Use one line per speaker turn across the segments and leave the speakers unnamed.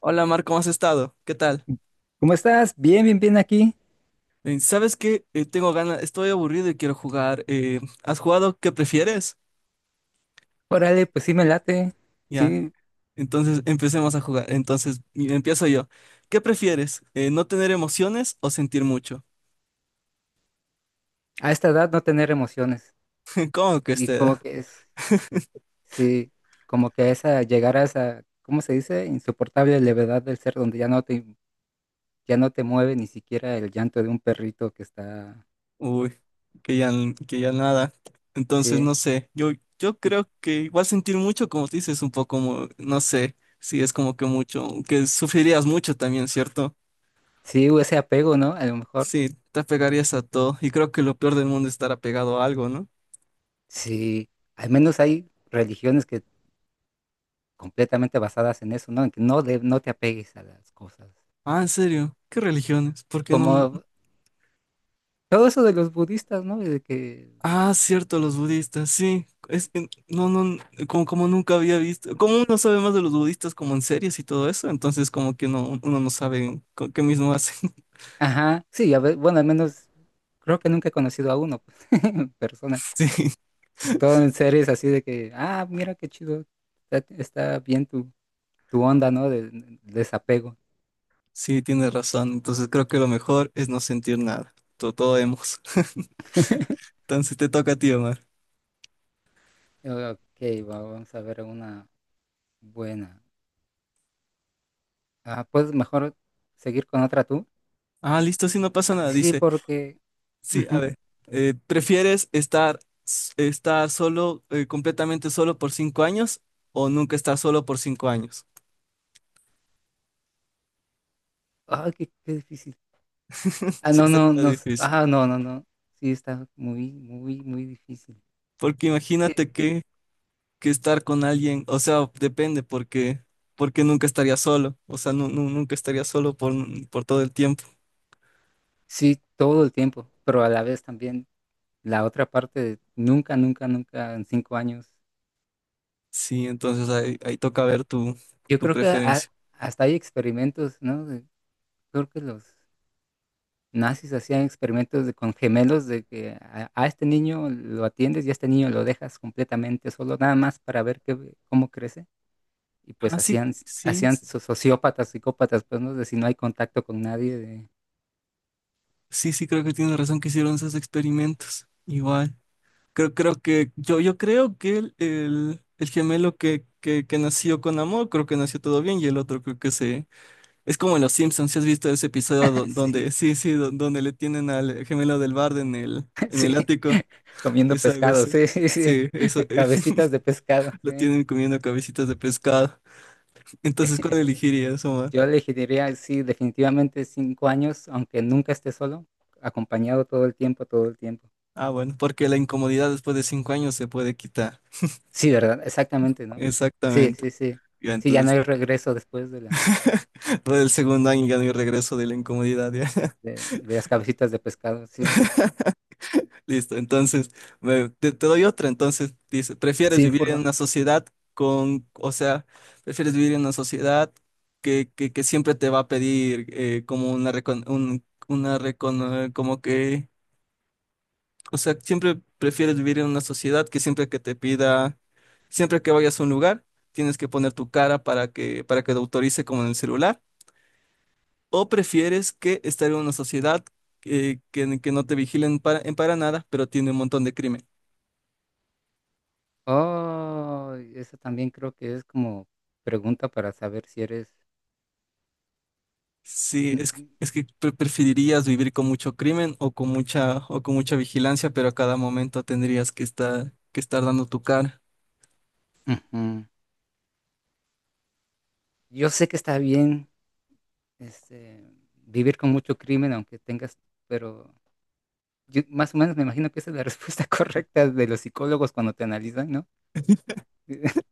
Hola Mar, ¿cómo has estado? ¿Qué tal?
¿Cómo estás? Bien, bien, bien aquí.
¿Sabes qué? Tengo ganas, estoy aburrido y quiero jugar. ¿Has jugado? ¿Qué prefieres?
Órale, pues sí me late.
Ya,
Sí,
entonces empecemos a jugar. Entonces y empiezo yo. ¿Qué prefieres? ¿No tener emociones o sentir mucho?
a esta edad no tener emociones.
¿Cómo que
Y
usted?
como que es, sí, como que esa, llegar a esa, ¿cómo se dice? Insoportable levedad del ser donde ya no te mueve ni siquiera el llanto de un perrito que está,
Uy, que ya, que ya nada. Entonces no
sí,
sé, yo
y-
creo que igual sentir mucho, como te dices, un poco, no sé, si es como que mucho, que sufrirías mucho también, ¿cierto?
sí, o ese apego, ¿no? A lo mejor,
Sí, te apegarías a todo. Y creo que lo peor del mundo es estar apegado a algo, ¿no?
sí, al menos hay religiones que completamente basadas en eso, ¿no? En que no, no te apegues a las cosas.
Ah, ¿en serio? ¿Qué religiones? ¿Por qué no?
Como todo eso de los budistas, ¿no? De que
Ah, cierto, los budistas, sí. Es que no, no, como, como nunca había visto. Como uno sabe más de los budistas como en series y todo eso, entonces como que no, uno no sabe qué mismo hacen.
Ajá, sí, a ver, bueno, al menos creo que nunca he conocido a uno pues, en persona.
Sí,
Todo en series así de que, ah, mira qué chido, está bien tu onda, ¿no? Desapego.
sí, tienes razón. Entonces creo que lo mejor es no sentir nada. Todo, todo hemos. Entonces te toca a ti, Omar.
Ok, vamos a ver una buena. Ah, ¿puedes mejor seguir con otra tú?
Ah, listo, sí, no pasa nada.
Sí,
Dice.
porque...
Sí, a
ujú.
ver, ¿prefieres estar solo, completamente solo por 5 años o nunca estar solo por 5 años?
Ay, qué difícil. Ah, no, no,
Está
no.
difícil,
Ah, no, no, no. Sí, está muy, muy, muy difícil.
porque
Sí,
imagínate que estar con alguien, o sea, depende, porque, porque nunca estaría solo, o sea, nunca estaría solo por todo el tiempo.
sí, todo el tiempo, pero a la vez también la otra parte, nunca, nunca, nunca en cinco años.
Sí, entonces ahí toca ver
Yo
tu
creo que ha-
preferencia.
hasta hay experimentos, ¿no? Creo que los nazis hacían experimentos con gemelos de que a este niño lo atiendes y a este niño lo dejas completamente solo, nada más para ver qué, cómo crece. Y
Ah,
pues
sí,
hacían,
sí,
hacían sociópatas, psicópatas, pues, ¿no? De si no hay contacto con nadie, de...
sí, sí, creo que tienes razón que hicieron esos experimentos. Igual. Creo que yo creo que el gemelo que nació con amor, creo que nació todo bien, y el otro creo que se... Es como en Los Simpsons, si has visto ese episodio donde,
Sí,
sí, sí, donde le tienen al gemelo del bardo en en
sí,
el ático.
comiendo
Es algo
pescado,
así.
sí, sí, sí,
Sí, eso,
cabecitas de pescado,
lo
sí,
tienen comiendo cabecitas de pescado. Entonces, ¿cuál
sí.
elegirías, Omar?
Yo elegiría, sí, definitivamente cinco años, aunque nunca esté solo, acompañado todo el tiempo, todo el tiempo.
Ah, bueno, porque la incomodidad después de 5 años se puede quitar.
Sí, ¿verdad? Exactamente, ¿no? Sí,
Exactamente.
sí, sí.
Ya,
Sí, ya no hay
entonces,
regreso después de la,
todo el segundo año ya no hay regreso de la incomodidad, ya.
de, de las cabecitas de pescado, sí.
Listo, entonces te doy otra. Entonces dice, ¿prefieres
Sí,
vivir en
porfa.
una sociedad con, o sea, prefieres vivir en una sociedad que siempre te va a pedir como una, una como que, o sea, siempre prefieres vivir en una sociedad que siempre que te pida, siempre que vayas a un lugar, tienes que poner tu cara para que te autorice como en el celular? ¿O prefieres que estar en una sociedad que no te vigilen en para nada, pero tiene un montón de crimen?
Oh, eso también creo que es como pregunta para saber si eres...
Sí,
Mm, mm,
es que preferirías vivir con mucho crimen o con mucha vigilancia, pero a cada momento tendrías que estar dando tu cara.
ujú. Yo sé que está bien, este, vivir con mucho crimen, aunque tengas, pero yo más o menos me imagino que esa es la respuesta correcta de los psicólogos cuando te analizan, ¿no?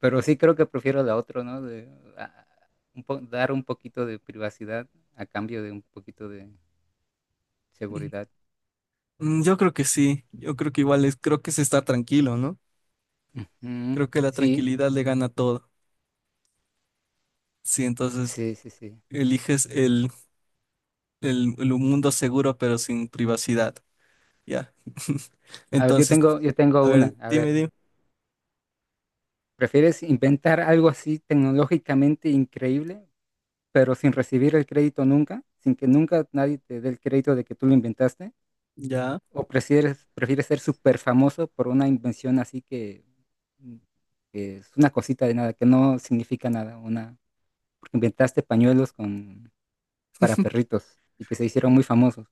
Pero sí creo que prefiero la otra, ¿no? De, ah, un po- dar un poquito de privacidad a cambio de un poquito de seguridad.
Mm, yo creo que sí, yo creo que igual es, creo que es estar tranquilo, ¿no?
Ujú.
Creo que la
Sí,
tranquilidad le gana todo. Sí, entonces
sí, sí, sí.
eliges el mundo seguro pero sin privacidad. Ya.
A ver, yo
Entonces,
tengo, yo tengo
a ver,
una. A ver,
dime.
¿prefieres inventar algo así tecnológicamente increíble, pero sin recibir el crédito nunca, sin que nunca nadie te dé el crédito de que tú lo inventaste?
Ya.
¿O prefieres ser súper famoso por una invención así que, mm, que es una cosita de nada, que no significa nada? Una, porque inventaste pañuelos para perritos y que se hicieron muy famosos.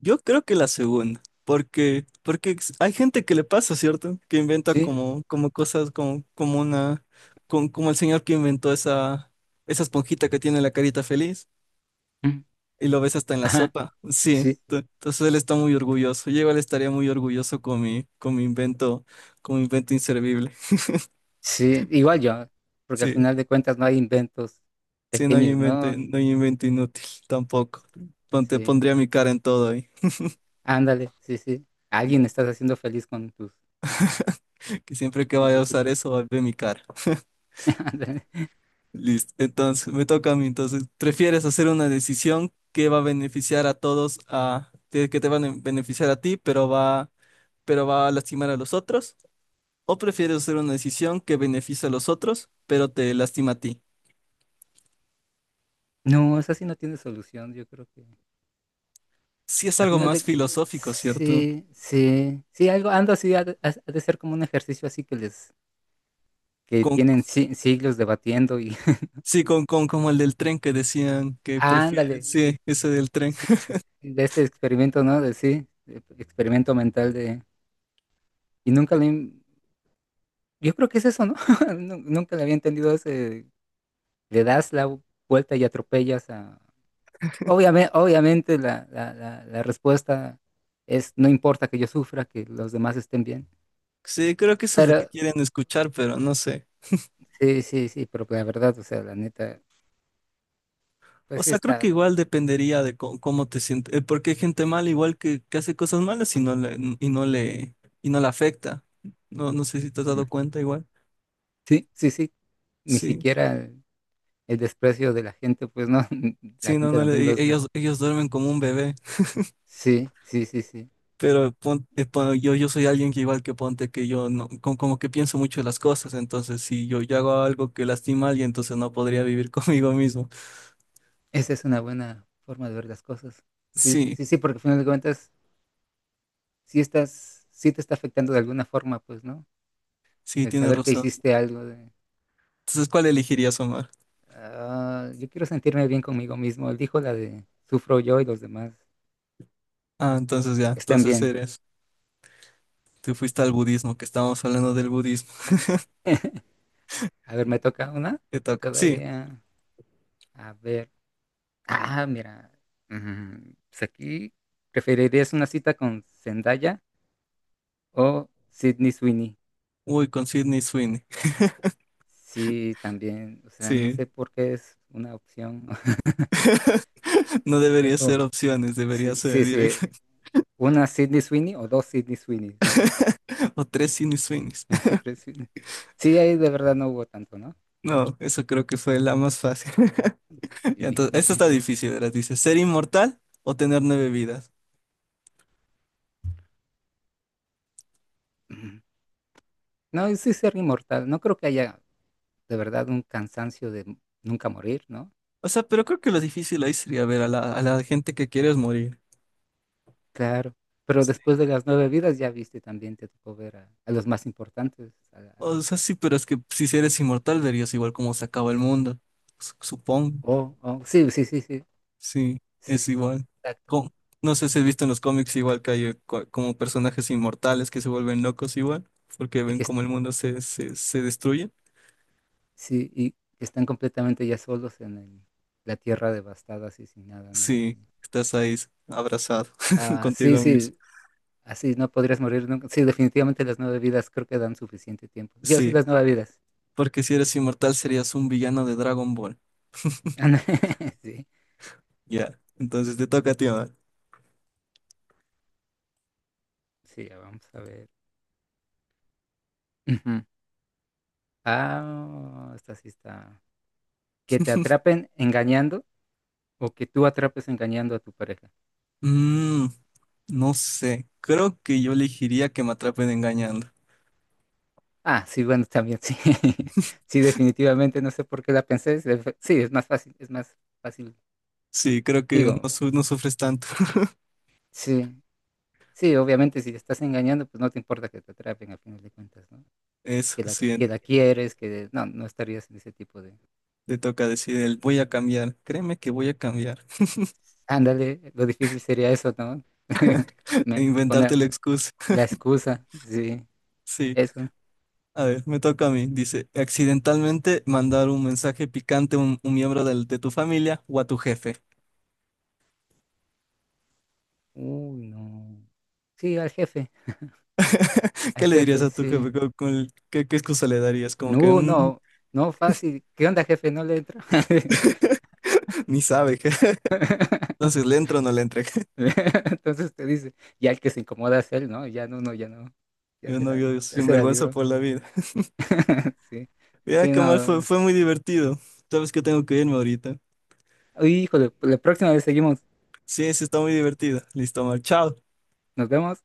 Yo creo que la segunda, porque, porque hay gente que le pasa, ¿cierto? Que inventa
Sí,
como, como cosas, como, como una, como el señor que inventó esa esponjita que tiene la carita feliz
mm,
y lo ves hasta en la
ajá,
sopa. Sí,
sí,
entonces él está muy orgulloso. Yo igual estaría muy orgulloso con con mi invento inservible.
sí, igual yo, porque al
Sí,
final de cuentas no hay inventos
sí, no hay
pequeños,
invento,
¿no?
no hay invento inútil tampoco. Pon- Te
Sí,
pondría mi cara en todo ahí.
ándale, sí, sí. A alguien estás haciendo feliz con tus...
Que siempre que
Con
vaya a
tus...
usar eso, va a ver mi cara.
ándale.
Listo. Entonces, me toca a mí. Entonces, ¿prefieres hacer una decisión que va a beneficiar a todos, a, que te van a beneficiar a ti, pero va a lastimar a los otros? ¿O prefieres hacer una decisión que beneficia a los otros, pero te lastima a ti?
No, eso sí no tiene solución, yo creo que...
Sí, es
Al
algo
final
más
de...
filosófico, ¿cierto?
Sí, sí, sí, algo, ando así, ha de ser como un ejercicio así que
Con,
tienen siglos debatiendo y...
sí, con como el del tren que decían que prefieres.
ándale, sí,
Sí, ese del tren.
sí, sí, de este experimento, ¿no? De sí, de experimento mental de... Y nunca le... Yo creo que es eso, ¿no? Nunca le había entendido ese... Le das la vuelta y atropellas a... Obviamente la respuesta es, no importa que yo sufra, que los demás estén bien.
Sí, creo que eso es lo
Pero,
que quieren escuchar, pero no sé.
sí, sí, sí, pero la verdad, o sea, la neta...
O
Pues sí
sea, creo que
está.
igual dependería de cómo te sientes, porque hay gente mala igual que hace cosas malas y no le afecta. No, no sé si te has dado cuenta igual.
Sí, sí, sí. Ni
Sí,
siquiera el, desprecio de la gente, pues no, la
sí, no,
gente
no
también los...
ellos duermen como un bebé,
Sí, sí, sí, sí.
pero yo soy alguien que igual que ponte que yo no, como, que pienso mucho de las cosas, entonces si yo hago algo que lastima a alguien, entonces no podría vivir conmigo mismo.
Esa es una buena forma de ver las cosas. Sí,
Sí,
sí, sí, porque al final de cuentas, sí te está afectando de alguna forma, pues, ¿no?
sí,
El
tienes
saber que
razón.
hiciste algo de,
Entonces, ¿cuál elegirías, Omar?
"Ah, yo quiero sentirme bien conmigo mismo." Él dijo la de, sufro yo y los demás,
Ah, entonces ya,
que estén
entonces
bien.
eres. Te fuiste al budismo, que estábamos hablando del budismo.
A ver, me toca una.
Te toca. Sí.
Todavía, a ver. Ah, mira, pues aquí preferirías una cita con Zendaya o Sydney Sweeney.
Uy, con Sydney Sweeney.
Sí, también, o sea, no
Sí.
sé por qué es una opción.
No debería
O- o-
ser opciones, debería
sí,
ser
sí, sí,
directo.
una Sydney Sweeney o dos Sydney Sweeney, ¿no?
O tres Sydney Sweeneys.
Tres Sydney. Sí, ahí de verdad no hubo tanto, ¿no?
No, eso creo que fue la más fácil. Y
Sí.
entonces, esto está difícil, ¿verdad? Dice, ¿ser inmortal o tener 9 vidas?
No, y sí ser inmortal. No creo que haya de verdad un cansancio de nunca morir, ¿no?
O sea, pero creo que lo difícil ahí sería ver a a la gente que quieres morir.
Claro, pero
Sí.
después de las nueve vidas ya viste también, te tocó ver a los más importantes.
O sea, sí, pero es que si eres inmortal verías igual cómo se acaba el mundo. Su- Supongo.
Oh, oh, sí, sí, sí, sí, sí,
Sí,
sí,
es igual.
exacto.
Com- no sé si has visto en los cómics igual que hay como personajes inmortales que se vuelven locos igual, porque
Y
ven
que, est-
como el mundo se destruye.
sí, y que están completamente ya solos en la tierra devastada, así sin nada, ¿no?
Sí,
Así,
estás ahí abrazado
sí,
contigo mismo.
sí, así no podrías morir nunca. Sí, definitivamente las nueve vidas creo que dan suficiente tiempo. Yo sí,
Sí,
las nueve vidas.
porque si eres inmortal serías un villano de Dragon Ball.
Sí,
Ya, entonces te toca a ti ahora.
sí, ya vamos a ver. Ujú. Ah, esta sí está. Que te atrapen engañando o que tú atrapes engañando a tu pareja.
Mm, no sé, creo que yo elegiría que me atrapen engañando.
Ah, sí, bueno, también sí. Sí, definitivamente, no sé por qué la pensé. Sí, es más fácil, es más fácil.
Sí, creo que no,
Digo,
no sufres tanto.
sí, sí, obviamente si te estás engañando, pues no te importa que te atrapen a final de cuentas, ¿no?
Eso,
Que la,
sí,
que la quieres, que no, no estarías en ese tipo de...
te toca decir el voy a cambiar. Créeme que voy a cambiar.
Ándale, lo difícil sería eso, ¿no?
e
Me
inventarte
pone
la excusa.
la excusa, sí,
Sí,
eso.
a ver, me toca a mí. Dice, accidentalmente mandar un mensaje picante a un miembro de tu familia o a tu jefe.
Uy, no. Sí, al
¿Qué le dirías
jefe,
a tu
sí.
jefe? Qué excusa le darías? Como que
No,
"Mm,
no, no fácil. ¿Qué onda, jefe? No le entro.
ni sabe. Entonces, ¿le entro o no le entro?
Entonces te dice, ya el que se incomoda es él, ¿no? Ya no, no, ya no. Ya
Yo
se
no,
la,
yo
ya se la
sinvergüenza
libró.
por la vida.
Sí,
Mira,
sí,
qué mal,
no.
fue muy divertido. Sabes que tengo que irme ahorita.
Uy, híjole, la próxima vez seguimos.
Sí, sí, está muy divertido. Listo, mal. Chao.
Nos vemos.